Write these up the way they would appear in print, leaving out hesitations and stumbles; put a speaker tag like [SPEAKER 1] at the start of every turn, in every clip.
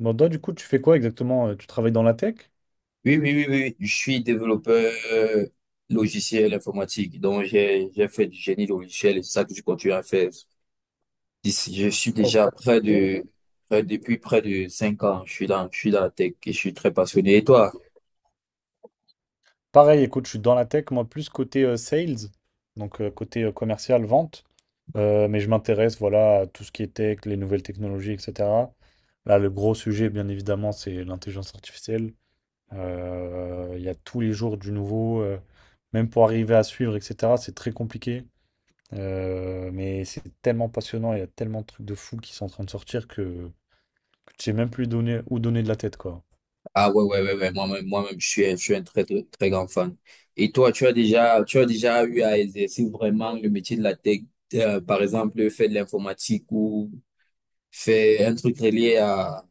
[SPEAKER 1] Bon, du coup, tu fais quoi exactement? Tu travailles dans la tech?
[SPEAKER 2] Oui, oui, oui, oui, oui. Je suis développeur logiciel informatique, donc j'ai fait du génie logiciel et c'est ça que je continue à faire. Je suis
[SPEAKER 1] Ok.
[SPEAKER 2] déjà depuis près de 5 ans, je suis dans la tech et je suis très passionné. Et toi?
[SPEAKER 1] Pareil, écoute, je suis dans la tech, moi, plus côté sales, donc côté commercial, vente. Mais je m'intéresse, voilà, à tout ce qui est tech, les nouvelles technologies, etc. Là, le gros sujet, bien évidemment, c'est l'intelligence artificielle. Il y a tous les jours du nouveau, même pour arriver à suivre, etc. C'est très compliqué. Mais c'est tellement passionnant, il y a tellement de trucs de fou qui sont en train de sortir que tu sais même plus donner, où donner de la tête, quoi.
[SPEAKER 2] Ah ouais, ouais, ouais, ouais. Moi-même, moi-même, je suis un très, très, très grand fan. Et toi, tu as déjà eu à exercer vraiment le métier de la tech, par exemple, faire de l'informatique ou faire un truc relié à,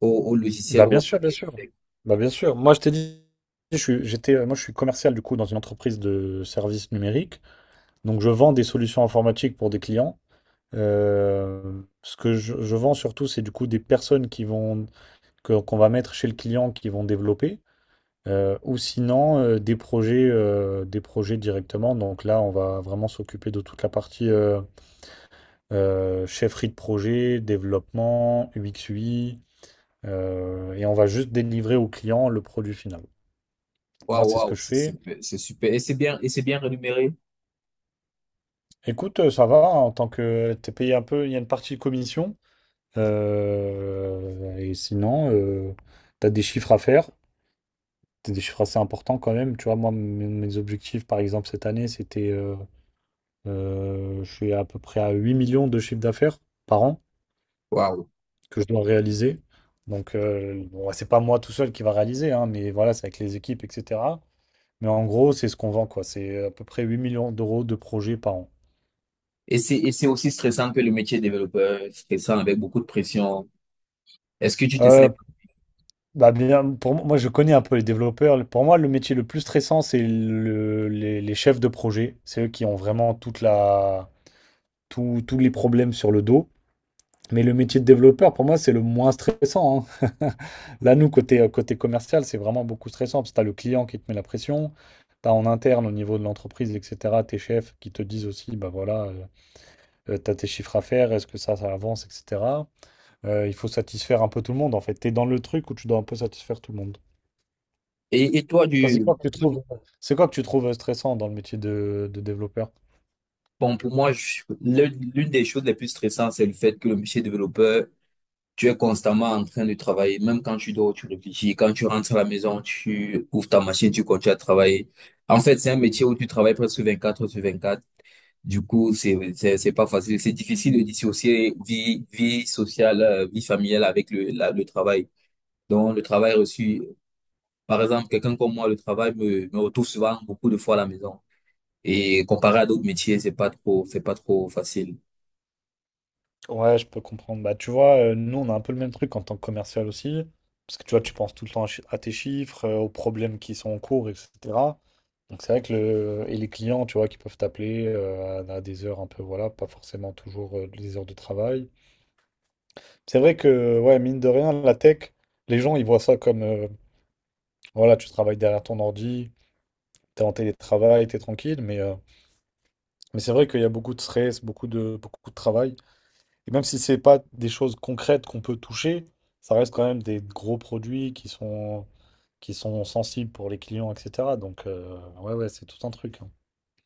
[SPEAKER 2] au, au
[SPEAKER 1] Bah
[SPEAKER 2] logiciel ou
[SPEAKER 1] bien
[SPEAKER 2] autre.
[SPEAKER 1] sûr, bien sûr. Bah bien sûr, je t'ai dit, j'étais, moi je suis commercial du coup dans une entreprise de services numériques. Donc je vends des solutions informatiques pour des clients. Ce que je vends surtout, c'est du coup des personnes qui vont, qu'on va mettre chez le client qui vont développer, ou sinon des projets directement. Donc là, on va vraiment s'occuper de toute la partie chefferie de projet, développement, UX/UI, et on va juste délivrer au client le produit final. Moi,
[SPEAKER 2] Waouh,
[SPEAKER 1] c'est ce que
[SPEAKER 2] waouh,
[SPEAKER 1] je
[SPEAKER 2] c'est
[SPEAKER 1] fais.
[SPEAKER 2] super, c'est super. Et c'est bien rémunéré.
[SPEAKER 1] Écoute, ça va, hein, en tant que t'es payé un peu, il y a une partie de commission. Et sinon, t'as des chiffres à faire. T'as des chiffres assez importants quand même. Tu vois, moi, mes objectifs, par exemple, cette année, c'était. Je suis à peu près à 8 millions de chiffre d'affaires par an
[SPEAKER 2] Waouh.
[SPEAKER 1] que je dois réaliser. Donc, bon, ouais, c'est pas moi tout seul qui va réaliser, hein, mais voilà, c'est avec les équipes, etc. Mais en gros, c'est ce qu'on vend, quoi. C'est à peu près 8 millions d'euros de projets par an.
[SPEAKER 2] Et c'est aussi stressant que le métier de développeur, stressant avec beaucoup de pression. Est-ce que tu te sens?
[SPEAKER 1] Euh, Bah bien, pour moi, moi, je connais un peu les développeurs. Pour moi, le métier le plus stressant, c'est les chefs de projet. C'est eux qui ont vraiment toute la, tous les problèmes sur le dos. Mais le métier de développeur, pour moi, c'est le moins stressant, hein. Là, nous, côté commercial, c'est vraiment beaucoup stressant parce que tu as le client qui te met la pression. Tu as en interne, au niveau de l'entreprise, etc., tes chefs qui te disent aussi, bah voilà, tu as tes chiffres à faire, est-ce que ça avance, etc. Il faut satisfaire un peu tout le monde, en fait. Tu es dans le truc où tu dois un peu satisfaire tout le monde.
[SPEAKER 2] Et toi,
[SPEAKER 1] Toi, c'est quoi que tu trouves, c'est quoi que tu trouves stressant dans le métier de développeur?
[SPEAKER 2] bon, pour moi, l'une des choses les plus stressantes, c'est le fait que le métier de développeur, tu es constamment en train de travailler. Même quand tu dors, tu réfléchis. Quand tu rentres à la maison, tu ouvres ta machine, tu continues à travailler. En fait, c'est un métier où tu travailles presque 24 heures sur 24. Du coup, c'est pas facile. C'est difficile de dissocier vie sociale, vie familiale avec le travail. Donc, le travail reçu, par exemple, quelqu'un comme moi, le travail me retrouve souvent beaucoup de fois à la maison. Et comparé à d'autres métiers, c'est pas trop facile.
[SPEAKER 1] Ouais, je peux comprendre. Bah, tu vois, nous, on a un peu le même truc en tant que commercial aussi. Parce que tu vois, tu penses tout le temps à, à tes chiffres, aux problèmes qui sont en cours, etc. Donc, c'est vrai que le, et les clients, tu vois, qui peuvent t'appeler à des heures un peu, voilà, pas forcément toujours les heures de travail. C'est vrai que, ouais, mine de rien, la tech, les gens, ils voient ça comme, voilà, tu travailles derrière ton ordi, t'es en télétravail, t'es tranquille, mais. Mais c'est vrai qu'il y a beaucoup de stress, beaucoup de travail. Et même si c'est pas des choses concrètes qu'on peut toucher, ça reste quand même des gros produits qui sont sensibles pour les clients, etc. Donc, ouais, ouais, c'est tout un truc, hein.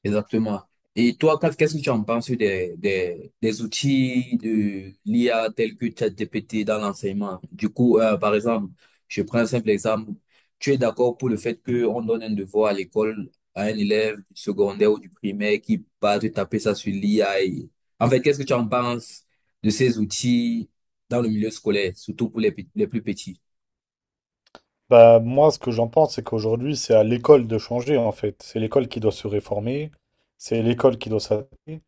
[SPEAKER 2] Exactement. Et toi, qu'est-ce que tu en penses des outils de l'IA tels que ChatGPT dans l'enseignement? Du coup, par exemple, je prends un simple exemple. Tu es d'accord pour le fait qu'on donne un devoir à l'école à un élève du secondaire ou du primaire qui va te taper ça sur l'IA . En fait, qu'est-ce que tu en penses de ces outils dans le milieu scolaire, surtout pour les plus petits?
[SPEAKER 1] Bah, moi, ce que j'en pense, c'est qu'aujourd'hui, c'est à l'école de changer, en fait. C'est l'école qui doit se réformer, c'est l'école qui doit s'adapter.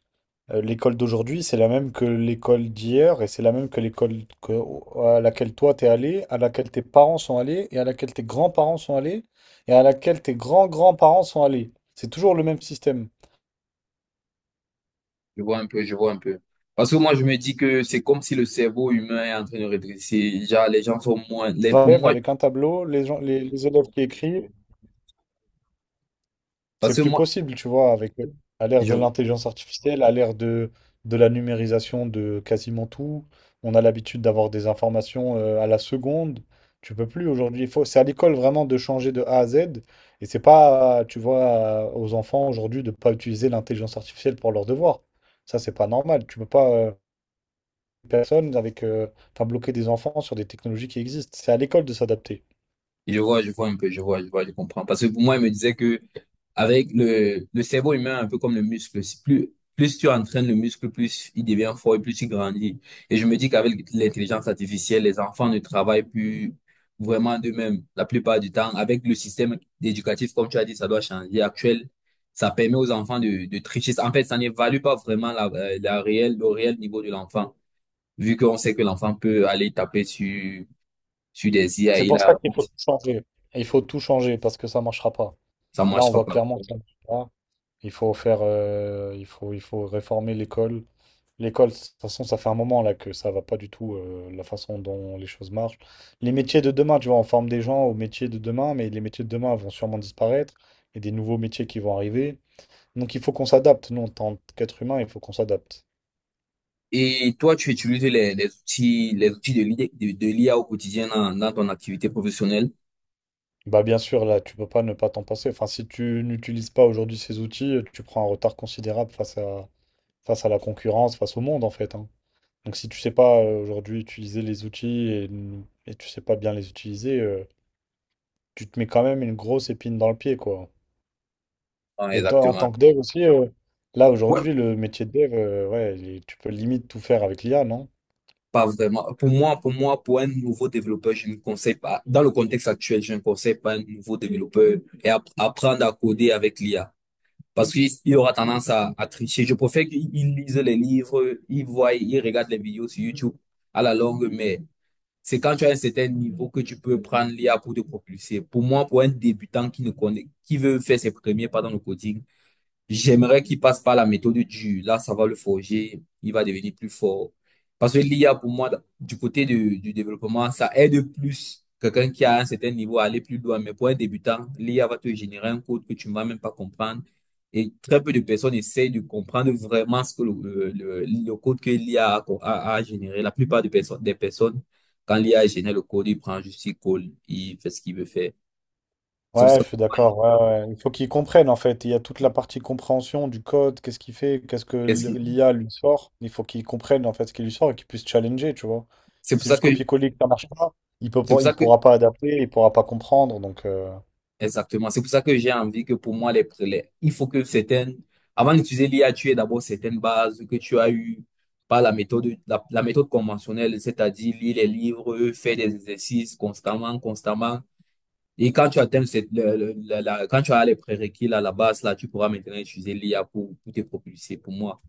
[SPEAKER 1] L'école d'aujourd'hui, c'est la même que l'école d'hier et c'est la même que l'école à laquelle toi t'es allé, à laquelle tes parents sont allés et à laquelle tes grands-parents sont allés et à laquelle tes grands-grands-parents sont allés. C'est toujours le même système.
[SPEAKER 2] Je vois un peu, je vois un peu. Parce que moi, je me dis que c'est comme si le cerveau humain est en train de rétrécir. Genre, les gens sont moins. Les,
[SPEAKER 1] Va
[SPEAKER 2] pour
[SPEAKER 1] élève
[SPEAKER 2] moi,
[SPEAKER 1] avec un tableau, les gens, les élèves qui écrivent,
[SPEAKER 2] parce
[SPEAKER 1] c'est
[SPEAKER 2] que
[SPEAKER 1] plus
[SPEAKER 2] moi,
[SPEAKER 1] possible, tu vois, avec à l'ère
[SPEAKER 2] je,
[SPEAKER 1] de l'intelligence artificielle, à l'ère de la numérisation de quasiment tout. On a l'habitude d'avoir des informations à la seconde. Tu peux plus aujourd'hui. Il faut, c'est à l'école vraiment de changer de A à Z. Et c'est pas, tu vois, aux enfants aujourd'hui de pas utiliser l'intelligence artificielle pour leurs devoirs. Ça, c'est pas normal. Tu peux pas personne avec, enfin, bloquer des enfants sur des technologies qui existent. C'est à l'école de s'adapter.
[SPEAKER 2] Je vois un peu, je vois, je vois, je comprends. Parce que pour moi, il me disait que avec le cerveau humain, un peu comme le muscle, si plus, plus tu entraînes le muscle, plus il devient fort et plus il grandit. Et je me dis qu'avec l'intelligence artificielle, les enfants ne travaillent plus vraiment d'eux-mêmes la plupart du temps. Avec le système éducatif, comme tu as dit, ça doit changer. Actuel, ça permet aux enfants de tricher. En fait, ça n'évalue pas vraiment le réel niveau de l'enfant, vu qu'on sait que l'enfant peut aller taper sur des IA
[SPEAKER 1] C'est
[SPEAKER 2] et
[SPEAKER 1] pour
[SPEAKER 2] la
[SPEAKER 1] ça qu'il faut tout
[SPEAKER 2] réponse,
[SPEAKER 1] changer. Il faut tout changer parce que ça marchera pas.
[SPEAKER 2] ça ne
[SPEAKER 1] Là, on
[SPEAKER 2] marchera
[SPEAKER 1] voit
[SPEAKER 2] pas.
[SPEAKER 1] clairement que ça ne marche pas. Il faut faire, il faut réformer l'école. L'école, de toute façon, ça fait un moment là que ça va pas du tout, la façon dont les choses marchent. Les métiers de demain, tu vois, on forme des gens aux métiers de demain, mais les métiers de demain vont sûrement disparaître et des nouveaux métiers qui vont arriver. Donc, il faut qu'on s'adapte. Nous, en tant qu'être humain, il faut qu'on s'adapte.
[SPEAKER 2] Et toi, tu utilises les outils de l'IA, de l'IA au quotidien dans ton activité professionnelle?
[SPEAKER 1] Bah, bien sûr, là, tu peux pas ne pas t'en passer. Enfin, si tu n'utilises pas aujourd'hui ces outils, tu prends un retard considérable face à la concurrence, face au monde, en fait, hein. Donc si tu sais pas aujourd'hui utiliser les outils et tu sais pas bien les utiliser, tu te mets quand même une grosse épine dans le pied, quoi.
[SPEAKER 2] Ah,
[SPEAKER 1] Et toi, en
[SPEAKER 2] exactement.
[SPEAKER 1] tant que dev aussi, là
[SPEAKER 2] Ouais,
[SPEAKER 1] aujourd'hui, le métier de dev, ouais, tu peux limite tout faire avec l'IA, non?
[SPEAKER 2] pas vraiment. Pour moi, pour moi, pour un nouveau développeur, je ne conseille pas, dans le contexte actuel, je ne conseille pas un nouveau développeur apprendre à coder avec l'IA. Parce qu'il il aura tendance à tricher. Je préfère qu'il il lise les livres, il regarde les vidéos sur YouTube à la longue, mais c'est quand tu as un certain niveau que tu peux prendre l'IA pour te propulser. Pour moi, pour un débutant qui ne connaît, qui veut faire ses premiers pas dans le coding. J'aimerais qu'il passe par la méthode, ça va le forger, il va devenir plus fort. Parce que l'IA, pour moi, du côté du développement, ça aide plus quelqu'un qui a un certain niveau à aller plus loin. Mais pour un débutant, l'IA va te générer un code que tu ne vas même pas comprendre. Et très peu de personnes essayent de comprendre vraiment ce que le code que l'IA a généré. La plupart des personnes, quand l'IA génère le code, il prend juste il colle, il fait ce qu'il veut faire. C'est pour
[SPEAKER 1] Ouais,
[SPEAKER 2] ça
[SPEAKER 1] je
[SPEAKER 2] que,
[SPEAKER 1] suis d'accord, ouais, ouais. Il faut qu'ils comprennent en fait. Il y a toute la partie compréhension du code, qu'est-ce qu'il fait, qu'est-ce que
[SPEAKER 2] qu'est-ce qu'il-
[SPEAKER 1] l'IA lui sort. Il faut qu'ils comprennent en fait ce qu'il lui sort et qu'ils puissent challenger, tu vois.
[SPEAKER 2] c'est pour
[SPEAKER 1] C'est
[SPEAKER 2] ça
[SPEAKER 1] juste
[SPEAKER 2] que,
[SPEAKER 1] copier-coller que ça marche pas. Il peut
[SPEAKER 2] c'est pour
[SPEAKER 1] pas,
[SPEAKER 2] ça
[SPEAKER 1] il
[SPEAKER 2] que
[SPEAKER 1] pourra pas adapter, il pourra pas comprendre. Donc,
[SPEAKER 2] Exactement. C'est pour ça que j'ai envie que pour moi, les, prélèvements, il faut que certaines, avant d'utiliser l'IA, tu aies d'abord certaines bases que tu as eues par la méthode, la méthode conventionnelle, c'est-à-dire lire les livres, faire des exercices constamment, constamment. Et quand tu atteins cette, Quand tu as les prérequis à la base, là, tu pourras maintenant utiliser l'IA pour te propulser. Pour moi,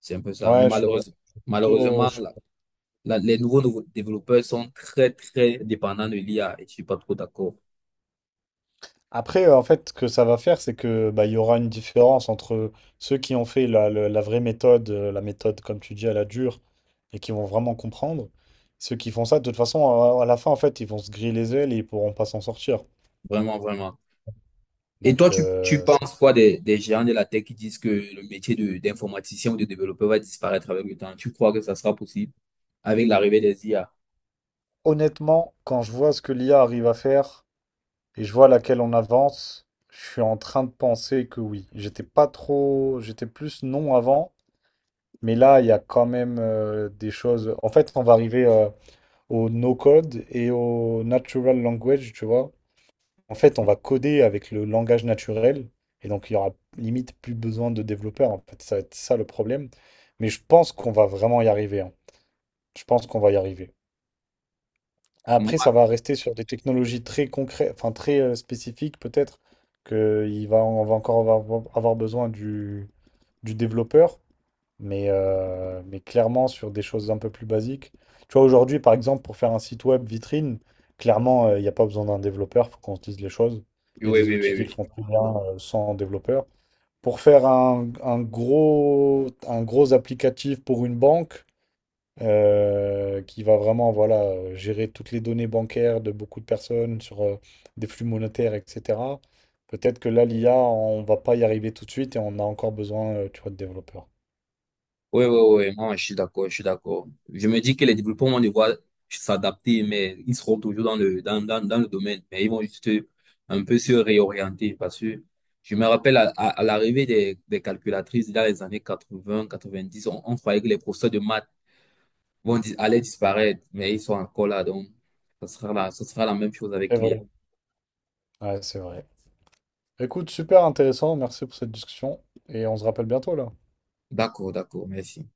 [SPEAKER 2] c'est un peu ça. Mais
[SPEAKER 1] Ouais, je suis
[SPEAKER 2] malheureusement,
[SPEAKER 1] plutôt.
[SPEAKER 2] malheureusement,
[SPEAKER 1] Je
[SPEAKER 2] les nouveaux développeurs sont très, très dépendants de l'IA et je suis pas trop d'accord.
[SPEAKER 1] Après, en fait, ce que ça va faire, c'est que bah, il y aura une différence entre ceux qui ont fait la vraie méthode, la méthode, comme tu dis, à la dure, et qui vont vraiment comprendre. Ceux qui font ça, de toute façon, à la fin, en fait, ils vont se griller les ailes et ils pourront pas s'en sortir.
[SPEAKER 2] Vraiment, vraiment. Et
[SPEAKER 1] Donc,
[SPEAKER 2] toi, tu penses quoi des géants de la tech qui disent que le métier d'informaticien ou de développeur va disparaître avec le temps? Tu crois que ça sera possible avec l'arrivée des IA?
[SPEAKER 1] honnêtement, quand je vois ce que l'IA arrive à faire, et je vois laquelle on avance, je suis en train de penser que oui. J'étais pas trop, j'étais plus non avant, mais là, il y a quand même des choses. En fait, on va arriver au no-code et au natural language, tu vois. En fait, on va coder avec le langage naturel, et donc il y aura limite plus besoin de développeurs. En fait, ça va être ça le problème. Mais je pense qu'on va vraiment y arriver, hein. Je pense qu'on va y arriver. Après,
[SPEAKER 2] Moi,
[SPEAKER 1] ça va rester sur des technologies très concrètes, enfin très spécifiques, peut-être que il va, on va encore avoir besoin du développeur, mais clairement sur des choses un peu plus basiques. Tu vois, aujourd'hui, par exemple, pour faire un site web vitrine, clairement, il n'y a pas besoin d'un développeur, faut qu'on se dise les choses. Il
[SPEAKER 2] oui,
[SPEAKER 1] y a des
[SPEAKER 2] oui, oui,
[SPEAKER 1] outils qui le
[SPEAKER 2] oui.
[SPEAKER 1] font très bien sans développeur. Pour faire un gros applicatif pour une banque, qui va vraiment voilà, gérer toutes les données bancaires de beaucoup de personnes sur des flux monétaires, etc. Peut-être que là, l'IA, on va pas y arriver tout de suite et on a encore besoin, tu vois, de développeurs.
[SPEAKER 2] Oui, oui, oui, moi, je suis d'accord, je suis d'accord. Je me dis que les développeurs vont devoir s'adapter, mais ils seront toujours dans le domaine. Mais ils vont juste un peu se réorienter parce que je me rappelle à l'arrivée des calculatrices dans les années 80, 90, on croyait que les professeurs de maths allaient disparaître, mais ils sont encore là. Donc, ce sera la même chose
[SPEAKER 1] C'est
[SPEAKER 2] avec l'IA.
[SPEAKER 1] vrai. Ouais, c'est vrai. Écoute, super intéressant. Merci pour cette discussion et on se rappelle bientôt là.
[SPEAKER 2] D'accord, d'accord, merci.